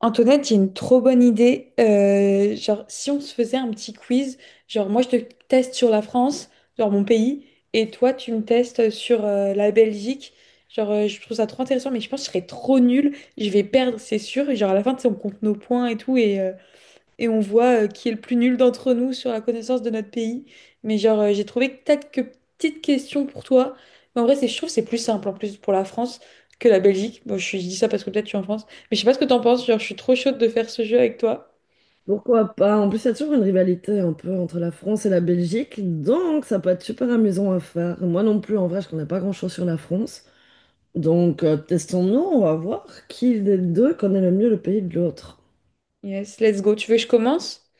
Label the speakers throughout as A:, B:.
A: Antoinette, j'ai une trop bonne idée. Si on se faisait un petit quiz, genre moi je te teste sur la France, genre mon pays, et toi tu me testes sur la Belgique. Je trouve ça trop intéressant, mais je pense que je serais trop nulle. Je vais perdre, c'est sûr. Et genre à la fin, tu sais, on compte nos points et tout, et on voit qui est le plus nul d'entre nous sur la connaissance de notre pays. Mais j'ai trouvé que quelques petites questions pour toi. Mais en vrai, c'est, je trouve que c'est plus simple en plus pour la France que la Belgique. Bon, je dis ça parce que peut-être tu es en France. Mais je sais pas ce que t'en penses. Genre, je suis trop chaude de faire ce jeu avec toi.
B: Pourquoi pas? En plus, il y a toujours une rivalité un peu entre la France et la Belgique, donc ça peut être super amusant à faire. Moi non plus, en vrai, je connais pas grand-chose sur la France. Donc, testons-nous, on va voir qui des deux connaît le mieux le pays de l'autre.
A: Yes, let's go. Tu veux que je commence?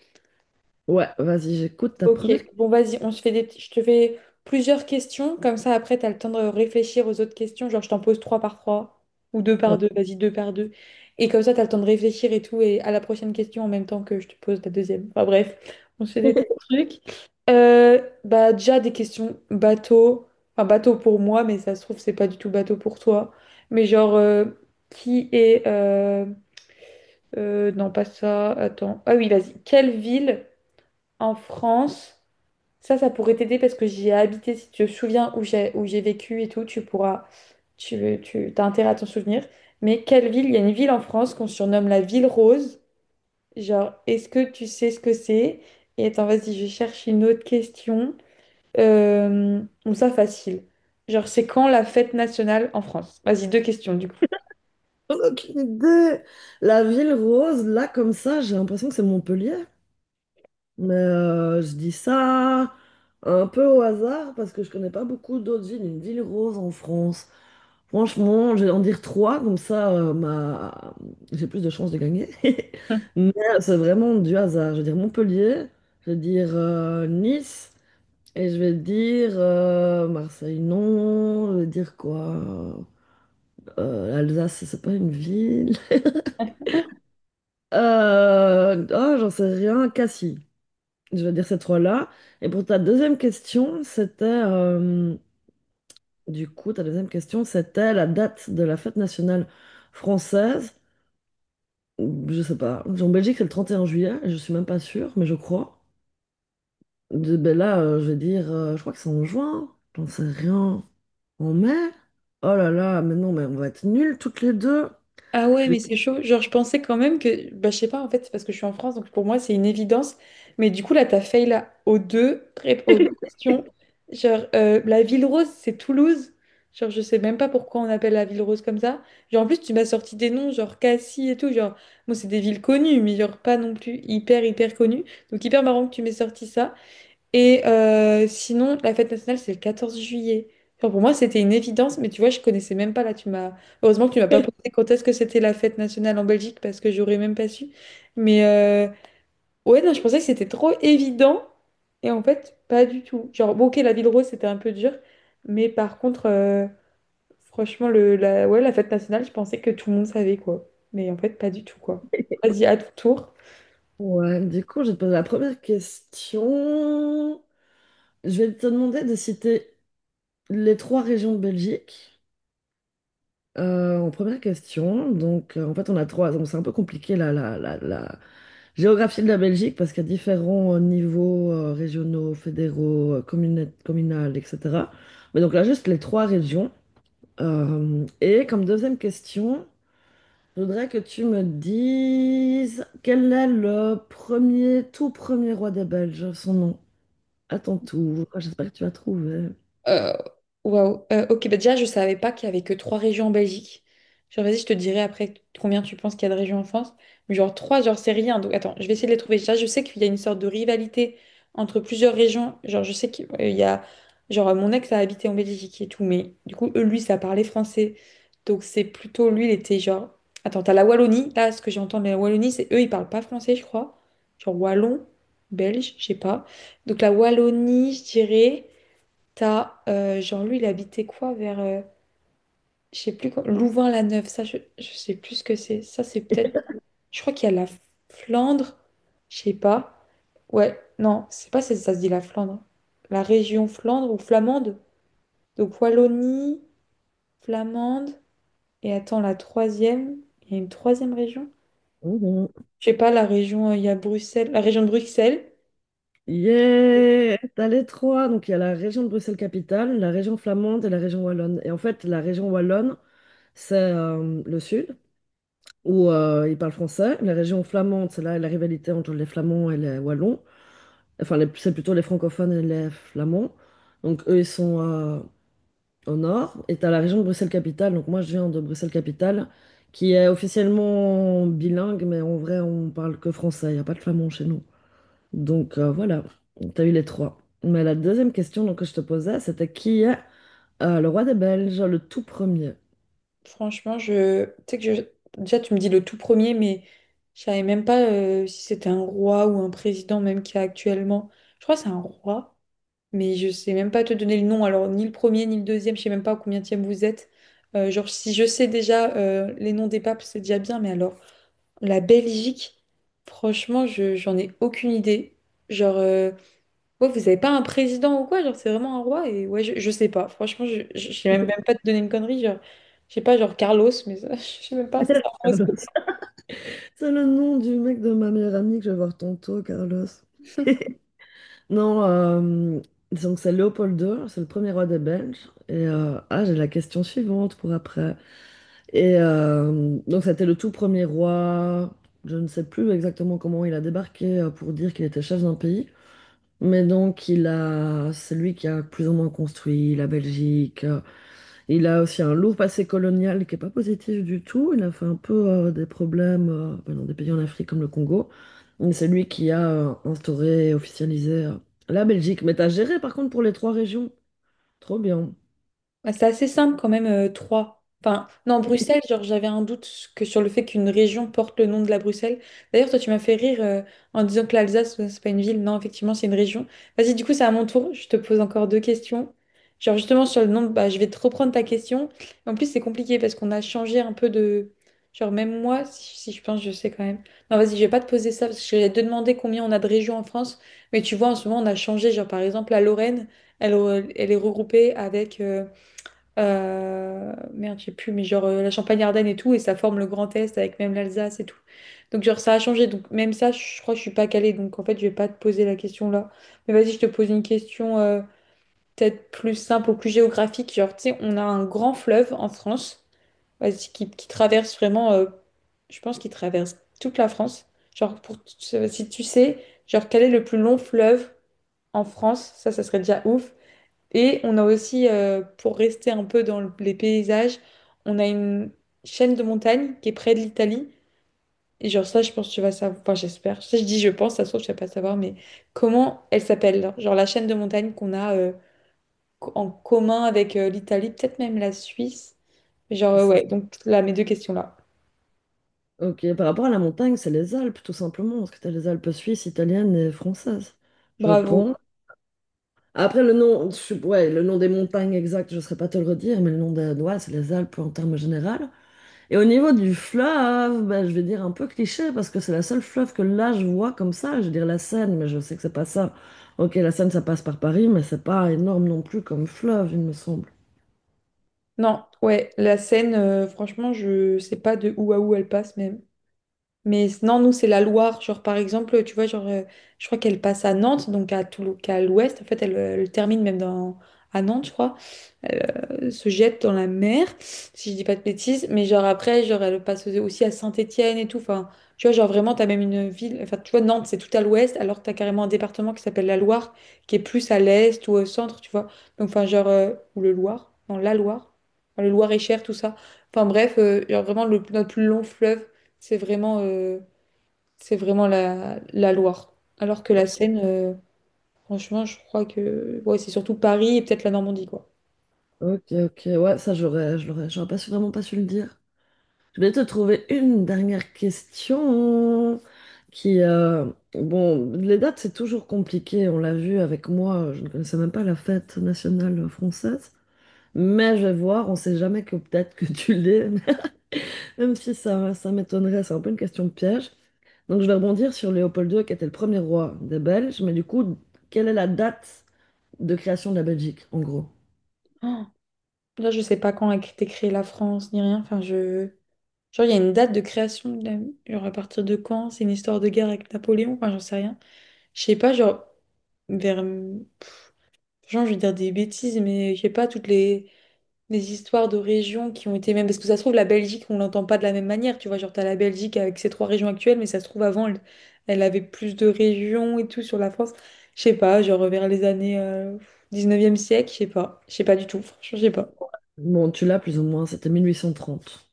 B: Ouais, vas-y, j'écoute ta
A: Ok,
B: première
A: bon
B: question.
A: vas-y, on se fait des petits- je te fais plusieurs questions, comme ça après tu as le temps de réfléchir aux autres questions, genre je t'en pose trois par trois ou deux par
B: Ouais.
A: deux, vas-y deux par deux. Et comme ça tu as le temps de réfléchir et tout et à la prochaine question en même temps que je te pose la deuxième. Enfin bref, on se fait des petits trucs. Bah déjà des questions bateau, enfin bateau pour moi mais ça se trouve c'est pas du tout bateau pour toi. Mais genre, qui est non pas ça, attends. Ah oui, vas-y. Quelle ville en France, ça pourrait t'aider parce que j'y ai habité. Si tu te souviens où j'ai vécu et tout, tu pourras, tu t'as intérêt à t'en souvenir. Mais quelle ville? Il y a une ville en France qu'on surnomme la ville rose. Genre, est-ce que tu sais ce que c'est? Et attends, vas-y, je cherche une autre question. Bon, ça, facile. Genre, c'est quand la fête nationale en France? Vas-y, deux questions du coup.
B: J'en ai aucune idée. La ville rose, là, comme ça, j'ai l'impression que c'est Montpellier. Mais je dis ça un peu au hasard parce que je connais pas beaucoup d'autres villes. Une ville rose en France. Franchement, je vais en dire trois, comme ça ma... j'ai plus de chances de gagner. Mais c'est vraiment du hasard. Je vais dire Montpellier, je vais dire Nice, et je vais dire Marseille, non. Je vais dire quoi? L'Alsace, c'est pas une ville. Oh, j'en sais rien, Cassis. Je vais dire ces trois-là. Et pour ta deuxième question, c'était... Du coup, ta deuxième question, c'était la date de la fête nationale française. Je sais pas. En Belgique, c'est le 31 juillet, je suis même pas sûre, mais je crois. Ben là, je vais dire, je crois que c'est en juin, j'en sais rien. En mai? Oh là là, mais non, mais on va être nuls toutes les deux.
A: Ah ouais,
B: Je vais-
A: mais c'est chaud. Genre, je pensais quand même que, bah, je sais pas, en fait, c'est parce que je suis en France, donc pour moi, c'est une évidence. Mais du coup, là, t'as fail là aux deux, rép- aux deux questions. Genre, la ville rose, c'est Toulouse. Genre, je sais même pas pourquoi on appelle la ville rose comme ça. Genre, en plus, tu m'as sorti des noms, genre Cassis et tout. Genre, moi, c'est des villes connues, mais genre pas non plus hyper, hyper connues. Donc, hyper marrant que tu m'aies sorti ça. Et sinon, la fête nationale, c'est le 14 juillet. Enfin, pour moi, c'était une évidence, mais tu vois, je connaissais même pas là. Tu m'as... Heureusement que tu m'as pas posé quand est-ce que c'était la fête nationale en Belgique, parce que j'aurais même pas su. Mais ouais, non, je pensais que c'était trop évident. Et en fait, pas du tout. Genre, bon, ok, la ville rose, c'était un peu dur. Mais par contre, franchement, le, la... Ouais, la fête nationale, je pensais que tout le monde savait, quoi. Mais en fait, pas du tout, quoi. Vas-y, à ton tour.
B: Ouais, du coup, je vais te poser la première question. Je vais te demander de citer les 3 régions de Belgique. En première question, donc en fait on a 3, donc c'est un peu compliqué là. Géographie de la Belgique, parce qu'à différents niveaux régionaux, fédéraux, communal, etc. Mais donc là, juste les 3 régions. Et comme deuxième question, je voudrais que tu me dises quel est le premier, tout premier roi des Belges, son nom, à ton tour. Ah, j'espère que tu as trouvé.
A: Euh, Waouh. Ok, bah déjà, je savais pas qu'il y avait que trois régions en Belgique. Genre, vas-y, je te dirai après combien tu penses qu'il y a de régions en France. Mais genre, trois, genre, c'est rien. Donc, attends, je vais essayer de les trouver. Déjà, je sais qu'il y a une sorte de rivalité entre plusieurs régions. Genre, je sais qu'il il y a. Genre, mon ex a habité en Belgique et tout, mais du coup, eux, lui, ça parlait français. Donc, c'est plutôt lui, il était genre. Attends, t'as la Wallonie. Là, ce que j'entends de la Wallonie, c'est eux, ils parlent pas français, je crois. Genre, wallon, belge, je sais pas. Donc, la Wallonie, je dirais. Genre, lui, il habitait quoi vers, je sais plus quoi, Louvain-la-Neuve, ça, je sais plus ce que c'est. Ça, c'est peut-être, je crois qu'il y a la Flandre, je sais pas. Ouais, non, c'est pas si ça se dit la Flandre. La région Flandre ou Flamande. Donc Wallonie, Flamande, et attends, la troisième, il y a une troisième région?
B: Mhm.
A: Je sais pas, la région, il y a Bruxelles, la région de Bruxelles.
B: Yeah! T'as les 3. Donc, il y a la région de Bruxelles-Capitale, la région flamande et la région wallonne. Et en fait, la région wallonne, c'est le sud, où ils parlent français. La région flamande, c'est là la rivalité entre les Flamands et les Wallons. C'est plutôt les francophones et les Flamands. Donc, eux, ils sont au nord. Et tu as la région de Bruxelles-Capitale. Donc, moi, je viens de Bruxelles-Capitale, qui est officiellement bilingue, mais en vrai, on parle que français. Il n'y a pas de flamand chez nous. Donc, voilà, tu as eu les 3. Mais la deuxième question donc, que je te posais, c'était qui est le roi des Belges, le tout premier?
A: Franchement, je... tu sais que je... déjà tu me dis le tout premier, mais je savais même pas si c'était un roi ou un président même qu'il y a actuellement. Je crois que c'est un roi, mais je sais même pas te donner le nom. Alors ni le premier ni le deuxième, je sais même pas à combien vous êtes. Genre si je sais déjà les noms des papes, c'est déjà bien, mais alors la Belgique, franchement, je j'en ai aucune idée. Genre euh, Ouais, vous avez pas un président ou quoi, genre c'est vraiment un roi et ouais, je sais pas. Franchement, je sais même pas te donner une connerie, genre je sais pas, genre Carlos, mais ça, je sais même pas, ça.
B: Carlos. C'est le nom du mec de ma meilleure amie que je vais voir tantôt, Carlos. Non, donc c'est Léopold II, c'est le premier roi des Belges. Et ah, j'ai la question suivante pour après. Et donc c'était le tout premier roi. Je ne sais plus exactement comment il a débarqué pour dire qu'il était chef d'un pays, c'est lui qui a plus ou moins construit la Belgique. Il a aussi un lourd passé colonial qui est pas positif du tout. Il a fait un peu des problèmes dans des pays en Afrique comme le Congo. Mais c'est lui qui a instauré et officialisé la Belgique. Mais t'as géré par contre pour les 3 régions. Trop bien.
A: Bah, c'est assez simple quand même, Troyes. Enfin, non, Bruxelles, genre j'avais un doute que sur le fait qu'une région porte le nom de la Bruxelles. D'ailleurs, toi, tu m'as fait rire en disant que l'Alsace, c'est pas une ville. Non, effectivement, c'est une région. Vas-y, du coup, c'est à mon tour. Je te pose encore deux questions. Genre justement sur le nom, bah, je vais te reprendre ta question. En plus, c'est compliqué parce qu'on a changé un peu de... Genre même moi, si je pense, je sais quand même. Non, vas-y, je vais pas te poser ça parce que j'allais te demander combien on a de régions en France. Mais tu vois, en ce moment, on a changé. Genre par exemple, la Lorraine, elle est regroupée avec... merde, j'ai plus, mais la Champagne-Ardenne et tout, et ça forme le Grand Est avec même l'Alsace et tout. Donc, genre, ça a changé. Donc, même ça, je crois que je suis pas calée. Donc, en fait, je vais pas te poser la question là. Mais vas-y, je te pose une question peut-être plus simple ou plus géographique. Genre, tu sais, on a un grand fleuve en France, vas-y, qui traverse vraiment, je pense qu'il traverse toute la France. Genre, pour, si tu sais, genre, quel est le plus long fleuve en France? Ça serait déjà ouf. Et on a aussi, pour rester un peu dans les paysages, on a une chaîne de montagne qui est près de l'Italie. Et genre ça, je pense que tu vas savoir, enfin j'espère, ça je dis je pense, ça se trouve, tu vas pas savoir, mais comment elle s'appelle? Genre, la chaîne de montagne qu'on a en commun avec l'Italie, peut-être même la Suisse. Mais genre,
B: C'est-
A: ouais, donc là, mes deux questions là.
B: Ok, par rapport à la montagne, c'est les Alpes tout simplement. Parce que t'as les Alpes suisses, italiennes et françaises. Je
A: Bravo.
B: pense. Après, le nom, ouais, le nom des montagnes exact, je ne saurais pas te le redire, mais le nom des ouais, c'est les Alpes en termes généraux. Et au niveau du fleuve, ben, je vais dire un peu cliché, parce que c'est la seule fleuve que là, je vois comme ça. Je veux dire la Seine, mais je sais que c'est pas ça. Ok, la Seine, ça passe par Paris, mais c'est pas énorme non plus comme fleuve, il me semble.
A: Non, ouais, la Seine, franchement, je sais pas de où à où elle passe même. Mais non, nous, c'est la Loire. Genre, par exemple, tu vois, je crois qu'elle passe à Nantes, donc à à l'ouest. En fait, elle, elle termine même dans, à Nantes, je crois se jette dans la mer, si je dis pas de bêtises, mais genre après, genre elle passe aussi à Saint-Étienne et tout, enfin, tu vois, genre vraiment, t'as même une ville, enfin, tu vois, Nantes, c'est tout à l'ouest, alors que t'as carrément un département qui s'appelle la Loire, qui est plus à l'est ou au centre, tu vois, donc enfin, genre, ou le Loire, non, la Loire, enfin, le Loir-et-Cher, tout ça, enfin bref, genre vraiment, notre plus long fleuve, c'est vraiment, euh, c'est vraiment la Loire, alors que la Seine, franchement, je crois que, ouais, c'est surtout Paris et peut-être la Normandie, quoi.
B: Ok, ok, ouais, ça, je l'aurais, j'aurais pas su, vraiment pas su le dire. Je vais te trouver une dernière question qui, bon, les dates, c'est toujours compliqué. On l'a vu avec moi, je ne connaissais même pas la fête nationale française. Mais je vais voir, on ne sait jamais que peut-être que tu l'es, même si ça, ça m'étonnerait, c'est un peu une question piège. Donc je vais rebondir sur Léopold II qui était le premier roi des Belges, mais du coup, quelle est la date de création de la Belgique, en gros?
A: Là, je sais pas quand a été créée la France ni rien. Enfin, je. Genre, il y a une date de création. Genre, à partir de quand? C'est une histoire de guerre avec Napoléon? Enfin, j'en sais rien. Je sais pas, genre, vers. Genre, je vais dire des bêtises, mais je sais pas, toutes les histoires de régions qui ont été même. Parce que ça se trouve, la Belgique, on l'entend pas de la même manière. Tu vois, genre, t'as la Belgique avec ses trois régions actuelles, mais ça se trouve, avant, elle avait plus de régions et tout sur la France. Je sais pas, genre, vers les années 19e siècle, je sais pas. Je sais pas du tout. Franchement, je sais pas.
B: Bon, tu l'as plus ou moins, c'était 1830.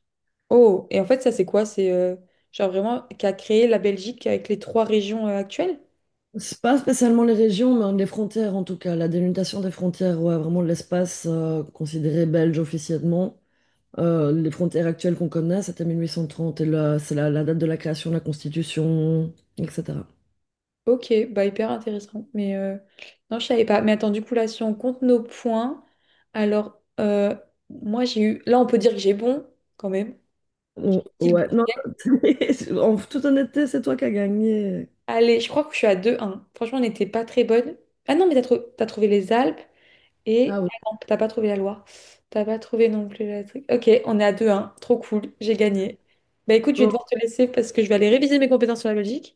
A: Oh, et en fait, ça, c'est quoi? C'est genre vraiment qui a créé la Belgique avec les trois régions actuelles?
B: C'est pas spécialement les régions, mais les frontières en tout cas. La délimitation des frontières, ouais, vraiment l'espace considéré belge officiellement. Les frontières actuelles qu'on connaît, c'était 1830, et là, c'est la date de la création de la Constitution, etc.
A: Ok, bah hyper intéressant. Mais non, je savais pas. Mais attends, du coup, là, si on compte nos points, alors, moi, j'ai eu. Là, on peut dire que j'ai bon, quand même.
B: Oh,
A: J'ai dit le
B: ouais,
A: bon.
B: non, en toute honnêteté, c'est toi qui as gagné.
A: Allez, je crois que je suis à 2-1. Franchement, on n'était pas très bonne. Ah non, mais t'as trouvé les Alpes.
B: Ah
A: Et
B: oui,
A: ah non, t'as pas trouvé la Loire. T'as pas trouvé non plus la truc. Ok, on est à deux 1. Trop cool, j'ai gagné. Bah écoute, je vais
B: bon,
A: devoir te laisser parce que je vais aller réviser mes compétences sur la logique.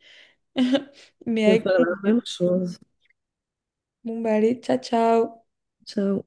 A: Mais
B: on peut
A: avec
B: faire la même
A: plaisir.
B: chose.
A: Bon bah allez, ciao ciao.
B: Ciao.